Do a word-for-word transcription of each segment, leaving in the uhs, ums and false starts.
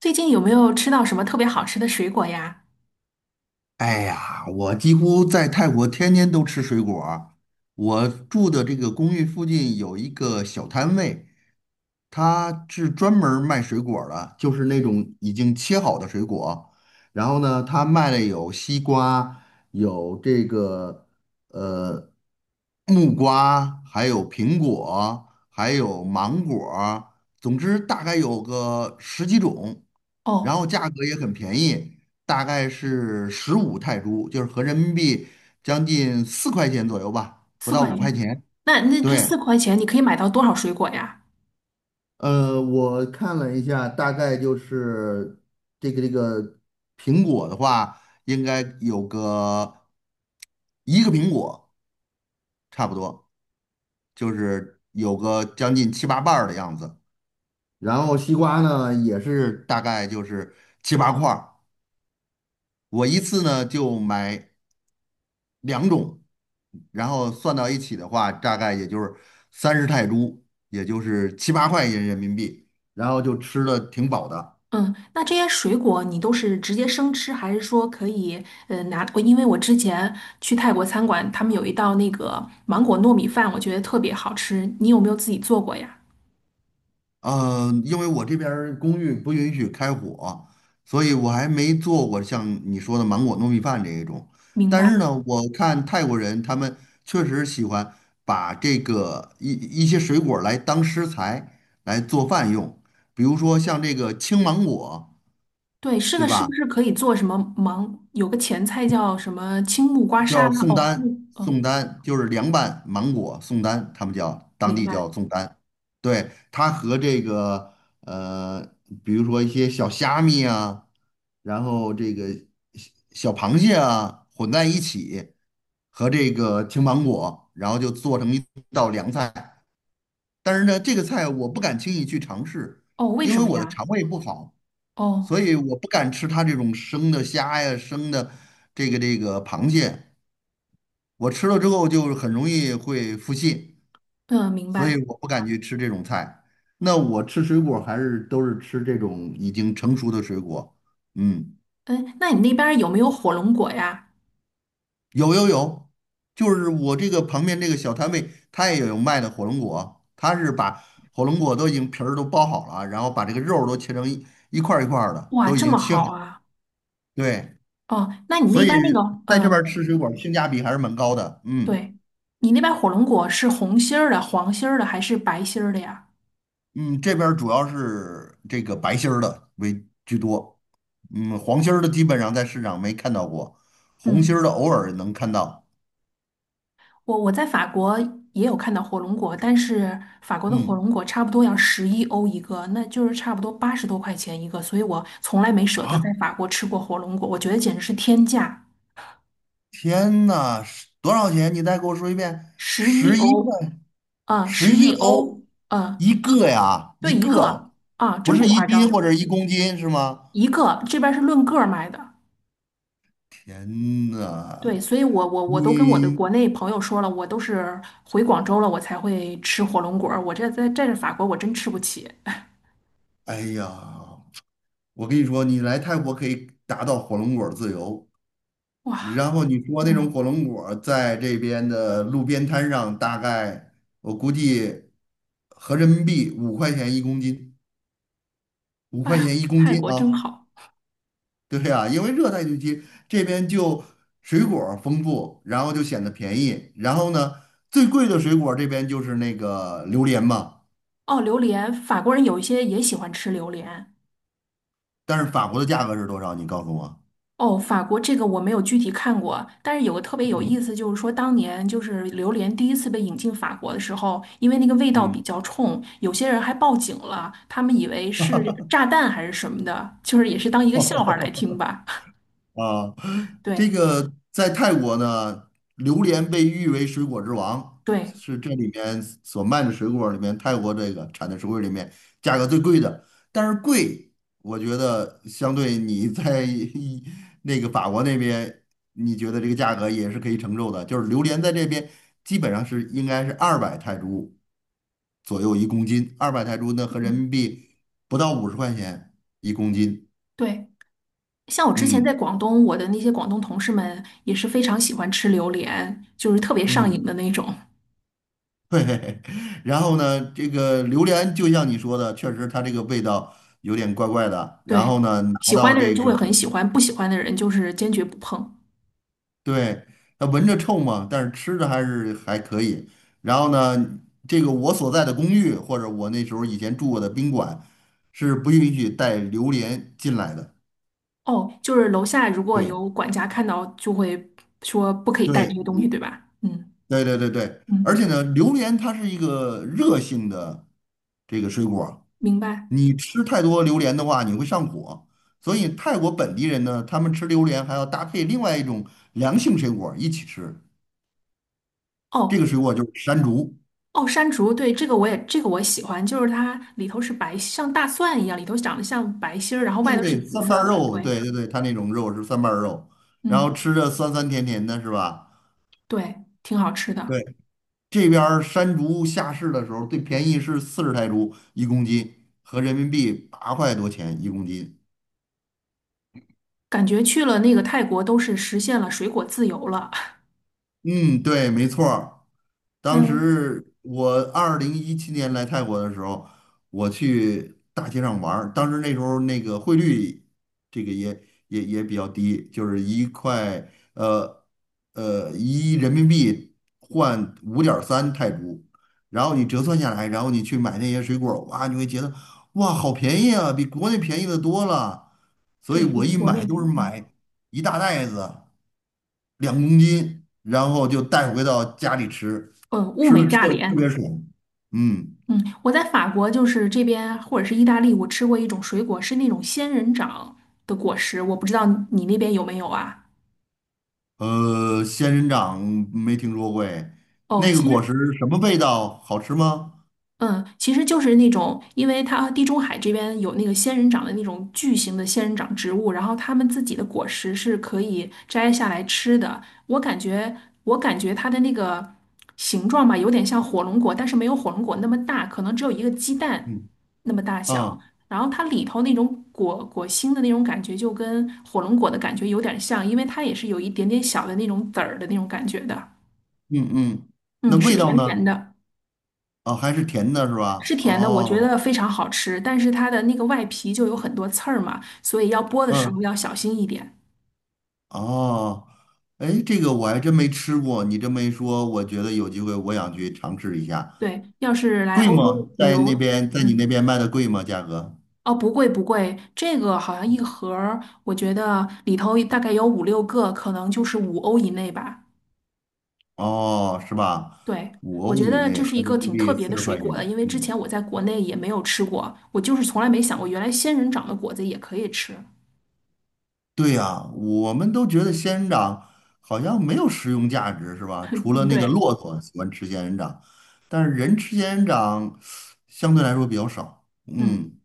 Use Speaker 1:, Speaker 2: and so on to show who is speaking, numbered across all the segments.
Speaker 1: 最近有没有吃到什么特别好吃的水果呀？
Speaker 2: 哎呀，我几乎在泰国天天都吃水果儿。我住的这个公寓附近有一个小摊位，他是专门儿卖水果儿的，就是那种已经切好的水果。然后呢，他卖的有西瓜，有这个呃木瓜，还有苹果，还有芒果，总之大概有个十几种。然
Speaker 1: 哦，
Speaker 2: 后价格也很便宜，大概是十五泰铢，就是合人民币将近四块钱左右吧，不
Speaker 1: 四
Speaker 2: 到
Speaker 1: 块
Speaker 2: 五块
Speaker 1: 钱。
Speaker 2: 钱。
Speaker 1: 那那这
Speaker 2: 对，
Speaker 1: 四块钱你可以买到多少水果呀？
Speaker 2: 呃，我看了一下，大概就是这个这个苹果的话，应该有个一个苹果差不多，就是有个将近七八瓣儿的样子。然后西瓜呢，也是大概就是七八块儿。我一次呢就买两种，然后算到一起的话，大概也就是三十泰铢，也就是七八块钱人民币，然后就吃的挺饱的。
Speaker 1: 嗯，那这些水果你都是直接生吃，还是说可以呃拿？我因为我之前去泰国餐馆，他们有一道那个芒果糯米饭，我觉得特别好吃。你有没有自己做过呀？
Speaker 2: 呃，因为我这边儿公寓不允许开火，所以我还没做过像你说的芒果糯米饭这一种。
Speaker 1: 明
Speaker 2: 但
Speaker 1: 白。
Speaker 2: 是呢，我看泰国人他们确实喜欢把这个一一些水果儿来当食材来做饭用，比如说像这个青芒果，
Speaker 1: 对，是
Speaker 2: 对
Speaker 1: 的，是不
Speaker 2: 吧？
Speaker 1: 是可以做什么芒？有个前菜叫什么青木瓜沙
Speaker 2: 叫
Speaker 1: 拉？
Speaker 2: 宋
Speaker 1: 哦，
Speaker 2: 丹，
Speaker 1: 嗯
Speaker 2: 宋
Speaker 1: 嗯，
Speaker 2: 丹就是凉拌芒果，宋丹他们叫当
Speaker 1: 明
Speaker 2: 地
Speaker 1: 白。
Speaker 2: 叫宋丹。对，它和这个呃，比如说一些小虾米啊，然后这个小螃蟹啊混在一起，和这个青芒果，然后就做成一道凉菜。但是呢，这个菜我不敢轻易去尝试，
Speaker 1: 哦，为
Speaker 2: 因
Speaker 1: 什
Speaker 2: 为
Speaker 1: 么
Speaker 2: 我的
Speaker 1: 呀？
Speaker 2: 肠胃不好，
Speaker 1: 哦，
Speaker 2: 所以我不敢吃它这种生的虾呀、生的这个这个螃蟹。我吃了之后就很容易会腹泻，
Speaker 1: 嗯，明
Speaker 2: 所以
Speaker 1: 白。
Speaker 2: 我不敢去吃这种菜。那我吃水果还是都是吃这种已经成熟的水果。嗯，
Speaker 1: 嗯，那你那边儿有没有火龙果呀？
Speaker 2: 有有有，就是我这个旁边这个小摊位，他也有卖的火龙果，他是把火龙果都已经皮儿都剥好了，然后把这个肉都切成一一块儿一块儿的，
Speaker 1: 哇，
Speaker 2: 都已
Speaker 1: 这
Speaker 2: 经
Speaker 1: 么
Speaker 2: 切好。
Speaker 1: 好啊！
Speaker 2: 对，
Speaker 1: 哦，那你那
Speaker 2: 所
Speaker 1: 边
Speaker 2: 以
Speaker 1: 儿那个，
Speaker 2: 在这边儿
Speaker 1: 嗯，
Speaker 2: 吃水果性价比还是蛮高的。嗯。
Speaker 1: 对，你那边儿火龙果是红心儿的、黄心儿的还是白心儿的呀？
Speaker 2: 嗯，这边儿主要是这个白心儿的为居多，嗯，黄心儿的基本上在市场没看到过，红心
Speaker 1: 嗯，
Speaker 2: 儿的偶尔能看到。
Speaker 1: 我我在法国也有看到火龙果，但是法国的火
Speaker 2: 嗯，
Speaker 1: 龙果差不多要十一欧一个，那就是差不多八十多块钱一个，所以我从来没舍得
Speaker 2: 啊，
Speaker 1: 在法国吃过火龙果，我觉得简直是天价，
Speaker 2: 天呐，是多少钱？你再给我说一遍，
Speaker 1: 十一
Speaker 2: 十一块，
Speaker 1: 欧，啊，
Speaker 2: 十
Speaker 1: 十
Speaker 2: 一
Speaker 1: 一欧，
Speaker 2: 欧
Speaker 1: 啊，
Speaker 2: 一个呀，
Speaker 1: 对
Speaker 2: 一
Speaker 1: 一
Speaker 2: 个，
Speaker 1: 个，啊，
Speaker 2: 不
Speaker 1: 真
Speaker 2: 是
Speaker 1: 不
Speaker 2: 一
Speaker 1: 夸
Speaker 2: 斤或
Speaker 1: 张。
Speaker 2: 者一公斤是吗？
Speaker 1: 一个，这边是论个儿卖的。
Speaker 2: 天呐，
Speaker 1: 对，所以我我我都跟我的
Speaker 2: 你，
Speaker 1: 国内朋友说了，我都是回广州了，我才会吃火龙果儿。我这在在这法国，我真吃不起。
Speaker 2: 哎呀，我跟你说，你来泰国可以达到火龙果自由。
Speaker 1: 哇，
Speaker 2: 然后你说那种火
Speaker 1: 嗯，
Speaker 2: 龙果儿在这边的路边摊上，大概我估计合人民币五块钱一公斤，五
Speaker 1: 哎
Speaker 2: 块
Speaker 1: 呀，
Speaker 2: 钱一公
Speaker 1: 泰
Speaker 2: 斤
Speaker 1: 国真
Speaker 2: 啊。
Speaker 1: 好。
Speaker 2: 对呀，因为热带地区这边就水果儿丰富，然后就显得便宜。然后呢，最贵的水果儿这边就是那个榴莲嘛，
Speaker 1: 哦，榴莲，法国人有一些也喜欢吃榴莲。
Speaker 2: 但是法国的价格是多少？你告诉我。
Speaker 1: 哦，法国这个我没有具体看过，但是有个特别有意
Speaker 2: 嗯
Speaker 1: 思，就是说当年就是榴莲第一次被引进法国的时候，因为那个味道比
Speaker 2: 嗯，
Speaker 1: 较冲，有些人还报警了，他们以为是炸弹还是什么的，就是也是当一个笑话来 听吧。
Speaker 2: 啊，这
Speaker 1: 对
Speaker 2: 个在泰国呢，榴莲被誉为水果之王，
Speaker 1: 对
Speaker 2: 是这里面所卖的水果里面，泰国这个产的水果里面价格最贵的。但是贵，我觉得相对你在一那个法国那边，你觉得这个价格也是可以承受的。就是榴莲在这边基本上是应该是二百泰铢左右一公斤，二百泰铢呢合人民币不到五十块钱一公斤。
Speaker 1: 对，像我之前在
Speaker 2: 嗯
Speaker 1: 广东，我的那些广东同事们也是非常喜欢吃榴莲，就是特别上瘾
Speaker 2: 嗯。
Speaker 1: 的那种。
Speaker 2: 对，然后呢，这个榴莲就像你说的，确实它这个味道有点怪怪的。然
Speaker 1: 对，
Speaker 2: 后呢，拿
Speaker 1: 喜欢
Speaker 2: 到
Speaker 1: 的人
Speaker 2: 这
Speaker 1: 就
Speaker 2: 个，
Speaker 1: 会很喜欢，不喜欢的人就是坚决不碰。
Speaker 2: 对，它闻着臭嘛，但是吃着还是还可以。然后呢，这个我所在的公寓或者我那时候以前住过的宾馆是不允许带榴莲进来的。
Speaker 1: 哦，就是楼下如果
Speaker 2: 对，
Speaker 1: 有管家看到，就会说不可以带这
Speaker 2: 对，
Speaker 1: 些东西，对吧？嗯
Speaker 2: 对，对，对，对。而
Speaker 1: 嗯，
Speaker 2: 且呢，榴莲它是一个热性的这个水果儿，
Speaker 1: 明白。
Speaker 2: 你吃太多榴莲的话，你会上火。所以泰国本地人呢，他们吃榴莲还要搭配另外一种凉性水果一起吃，这个
Speaker 1: 哦
Speaker 2: 水果就是山竹。
Speaker 1: 哦，山竹，对，这个我也这个我喜欢，就是它里头是白，像大蒜一样，里头长得像白心儿，然后
Speaker 2: 对
Speaker 1: 外头是
Speaker 2: 对对，
Speaker 1: 紫
Speaker 2: 蒜瓣
Speaker 1: 色
Speaker 2: 儿
Speaker 1: 的。
Speaker 2: 肉，
Speaker 1: 对，
Speaker 2: 对对对，它那种肉是蒜瓣儿肉，然后
Speaker 1: 嗯，
Speaker 2: 吃着酸酸甜甜的，是吧？
Speaker 1: 对，挺好吃的，
Speaker 2: 对，这边儿山竹下市的时候最便宜是四十泰铢一公斤，合人民币八块多钱一公斤。
Speaker 1: 感觉去了那个泰国都是实现了水果自由了。
Speaker 2: 嗯，对，没错儿。当
Speaker 1: 嗯，
Speaker 2: 时我二零一七年来泰国的时候，我去大街上玩儿，当时那时候那个汇率，这个也也也比较低，就是一块呃呃一人民币换五点三泰铢，然后你折算下来，然后你去买那些水果儿哇，你会觉得哇好便宜啊，比国内便宜的多了。所以
Speaker 1: 对，比
Speaker 2: 我一
Speaker 1: 国
Speaker 2: 买
Speaker 1: 内的，
Speaker 2: 都是
Speaker 1: 嗯
Speaker 2: 买一大袋子，两公斤，然后就带回到家里吃，
Speaker 1: 嗯，物
Speaker 2: 吃的
Speaker 1: 美价
Speaker 2: 特特
Speaker 1: 廉。
Speaker 2: 别爽。嗯，
Speaker 1: 嗯，我在法国就是这边或者是意大利，我吃过一种水果是那种仙人掌的果实，我不知道你那边有没有啊？
Speaker 2: 呃，仙人掌没听说过哎，
Speaker 1: 哦，
Speaker 2: 那个
Speaker 1: 其
Speaker 2: 果实
Speaker 1: 实
Speaker 2: 什么味道？好吃吗？
Speaker 1: 嗯，其实就是那种，因为它地中海这边有那个仙人掌的那种巨型的仙人掌植物，然后它们自己的果实是可以摘下来吃的。我感觉，我感觉它的那个形状吧，有点像火龙果，但是没有火龙果那么大，可能只有一个鸡蛋
Speaker 2: 嗯
Speaker 1: 那么大小。
Speaker 2: 啊
Speaker 1: 然后它里头那种果果心的那种感觉，就跟火龙果的感觉有点像，因为它也是有一点点小的那种籽儿的那种感觉的。
Speaker 2: 嗯嗯，那
Speaker 1: 嗯，是
Speaker 2: 味道
Speaker 1: 甜
Speaker 2: 呢？
Speaker 1: 甜的。
Speaker 2: 啊，还是甜的是
Speaker 1: 是
Speaker 2: 吧？
Speaker 1: 甜的，我觉得
Speaker 2: 哦，
Speaker 1: 非常好吃，但是它的那个外皮就有很多刺儿嘛，所以要剥的时
Speaker 2: 嗯
Speaker 1: 候要小心一点。
Speaker 2: 哦，哎，这个我还真没吃过，你这么一说，我觉得有机会我想去尝试一下。
Speaker 1: 对，要是来
Speaker 2: 贵
Speaker 1: 欧洲
Speaker 2: 吗？
Speaker 1: 旅
Speaker 2: 在那
Speaker 1: 游，
Speaker 2: 边，在你那
Speaker 1: 嗯，
Speaker 2: 边卖的贵吗？价格？
Speaker 1: 哦，不贵不贵，这个好像一盒儿，我觉得里头大概有五六个，可能就是五欧以内吧。
Speaker 2: 哦，是吧？
Speaker 1: 对，
Speaker 2: 五
Speaker 1: 我
Speaker 2: 欧
Speaker 1: 觉
Speaker 2: 以
Speaker 1: 得
Speaker 2: 内，
Speaker 1: 这是一
Speaker 2: 合人
Speaker 1: 个
Speaker 2: 民
Speaker 1: 挺
Speaker 2: 币
Speaker 1: 特别
Speaker 2: 四
Speaker 1: 的
Speaker 2: 十
Speaker 1: 水
Speaker 2: 块钱。
Speaker 1: 果的，因为之
Speaker 2: 嗯，
Speaker 1: 前我在国内也没有吃过，我就是从来没想过原来仙人掌的果子也可以吃。
Speaker 2: 对呀，我们都觉得仙人掌好像没有食用价值，是吧？除了
Speaker 1: 嗯，
Speaker 2: 那个
Speaker 1: 对，
Speaker 2: 骆驼喜欢吃仙人掌，但是人吃仙人掌相对来说比较少。
Speaker 1: 嗯，
Speaker 2: 嗯，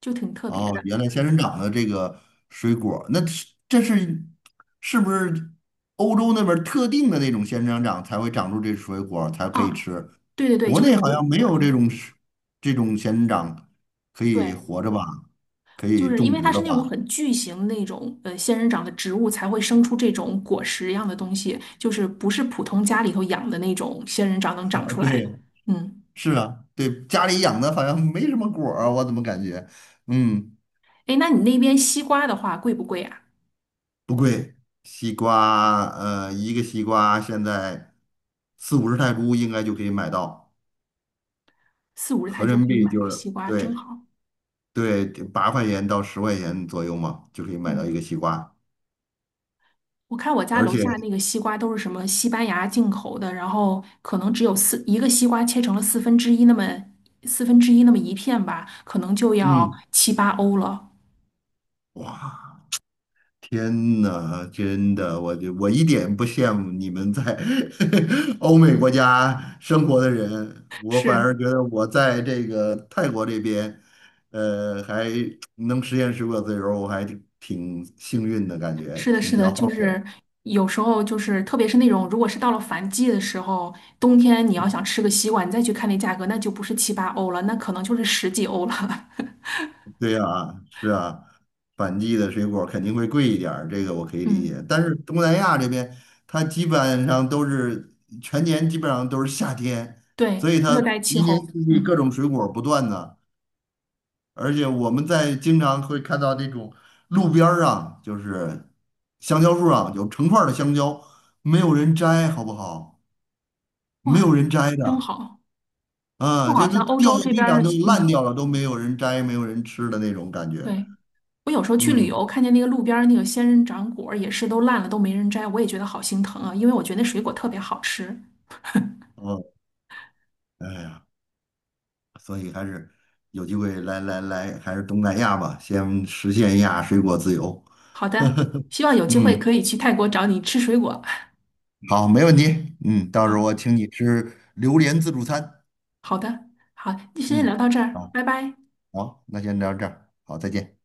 Speaker 1: 就挺特别
Speaker 2: 哦，
Speaker 1: 的
Speaker 2: 原来仙人掌的这个水果儿那是这是是不是欧洲那边儿特定的那种仙人掌才会长出这水果儿才可以
Speaker 1: 啊。
Speaker 2: 吃？
Speaker 1: 对对对，
Speaker 2: 国
Speaker 1: 就是
Speaker 2: 内好像
Speaker 1: 不，
Speaker 2: 没有这
Speaker 1: 嗯，
Speaker 2: 种是这种仙人掌可以
Speaker 1: 对。
Speaker 2: 活着吧，可
Speaker 1: 就
Speaker 2: 以
Speaker 1: 是因
Speaker 2: 种
Speaker 1: 为它
Speaker 2: 植
Speaker 1: 是
Speaker 2: 的
Speaker 1: 那种
Speaker 2: 吧？
Speaker 1: 很巨型那种呃仙人掌的植物才会生出这种果实一样的东西，就是不是普通家里头养的那种仙人掌能
Speaker 2: 啊，
Speaker 1: 长出来的。
Speaker 2: 对，
Speaker 1: 嗯，
Speaker 2: 是啊，对，家里养的好像没什么果儿，我怎么感觉？嗯，
Speaker 1: 哎，那你那边西瓜的话贵不贵啊？
Speaker 2: 不贵，西瓜，呃，一个西瓜现在四五十泰铢应该就可以买到。
Speaker 1: 四五十泰
Speaker 2: 合人
Speaker 1: 铢
Speaker 2: 民
Speaker 1: 可以
Speaker 2: 币
Speaker 1: 买
Speaker 2: 就
Speaker 1: 个
Speaker 2: 是
Speaker 1: 西瓜，真
Speaker 2: 对，
Speaker 1: 好。
Speaker 2: 对，八块钱到十块钱左右嘛，就可以买到
Speaker 1: 嗯，
Speaker 2: 一个西瓜，
Speaker 1: 我看我家
Speaker 2: 而
Speaker 1: 楼
Speaker 2: 且
Speaker 1: 下那个西瓜都是什么西班牙进口的，然后可能只有四一个西瓜切成了四分之一那么四分之一那么一片吧，可能就要
Speaker 2: 嗯，
Speaker 1: 七八欧了。
Speaker 2: 哇，天呐，真的，我就我一点不羡慕你们在 欧美国家生活的人，我反
Speaker 1: 是，
Speaker 2: 而觉得我在这个泰国这边，呃，还能实现食不可自由，我还挺幸运的感觉，
Speaker 1: 是的，
Speaker 2: 挺
Speaker 1: 是
Speaker 2: 骄
Speaker 1: 的，就
Speaker 2: 傲
Speaker 1: 是
Speaker 2: 的。
Speaker 1: 有时候就是，特别是那种如果是到了反季的时候，冬天你要想吃个西瓜，你再去看那价格，那就不是七八欧了，那可能就是十几欧了。
Speaker 2: 对呀，是啊，反季的水果儿肯定会贵一点儿，这个我可以理
Speaker 1: 嗯，
Speaker 2: 解。但是东南亚这边，它基本上都是全年基本上都是夏天，所
Speaker 1: 对，
Speaker 2: 以
Speaker 1: 热
Speaker 2: 它
Speaker 1: 带气
Speaker 2: 一年
Speaker 1: 候，
Speaker 2: 四季各
Speaker 1: 嗯，
Speaker 2: 种水果儿不断的。而且我们在经常会看到那种路边儿上，就是香蕉树上有成串儿的香蕉，没有人摘，好不好？没有
Speaker 1: 哇，
Speaker 2: 人摘
Speaker 1: 真
Speaker 2: 的，
Speaker 1: 好，就
Speaker 2: 啊，就
Speaker 1: 好
Speaker 2: 是
Speaker 1: 像欧
Speaker 2: 掉到
Speaker 1: 洲这边
Speaker 2: 地
Speaker 1: 儿
Speaker 2: 上
Speaker 1: 的
Speaker 2: 都
Speaker 1: 西
Speaker 2: 烂
Speaker 1: 嗯，
Speaker 2: 掉了，都没有人摘，没有人吃的那种感觉。
Speaker 1: 对，我有时候去旅
Speaker 2: 嗯，
Speaker 1: 游，看见那个路边儿那个仙人掌果儿也是都烂了，都没人摘，我也觉得好心疼啊，因为我觉得那水果特别好吃。
Speaker 2: 哦，哎呀，所以还是有机会来来来，还是东南亚吧，先实现一下水果自由。
Speaker 1: 好的，希望有机会
Speaker 2: 嗯，
Speaker 1: 可以去泰国找你吃水果。
Speaker 2: 好，没问题。嗯，到时候
Speaker 1: 好。
Speaker 2: 我请你吃榴莲自助餐。
Speaker 1: 好的，好，那先聊
Speaker 2: 嗯，
Speaker 1: 到这儿，
Speaker 2: 好，
Speaker 1: 拜拜。
Speaker 2: 好，那先聊到这儿，好，再见。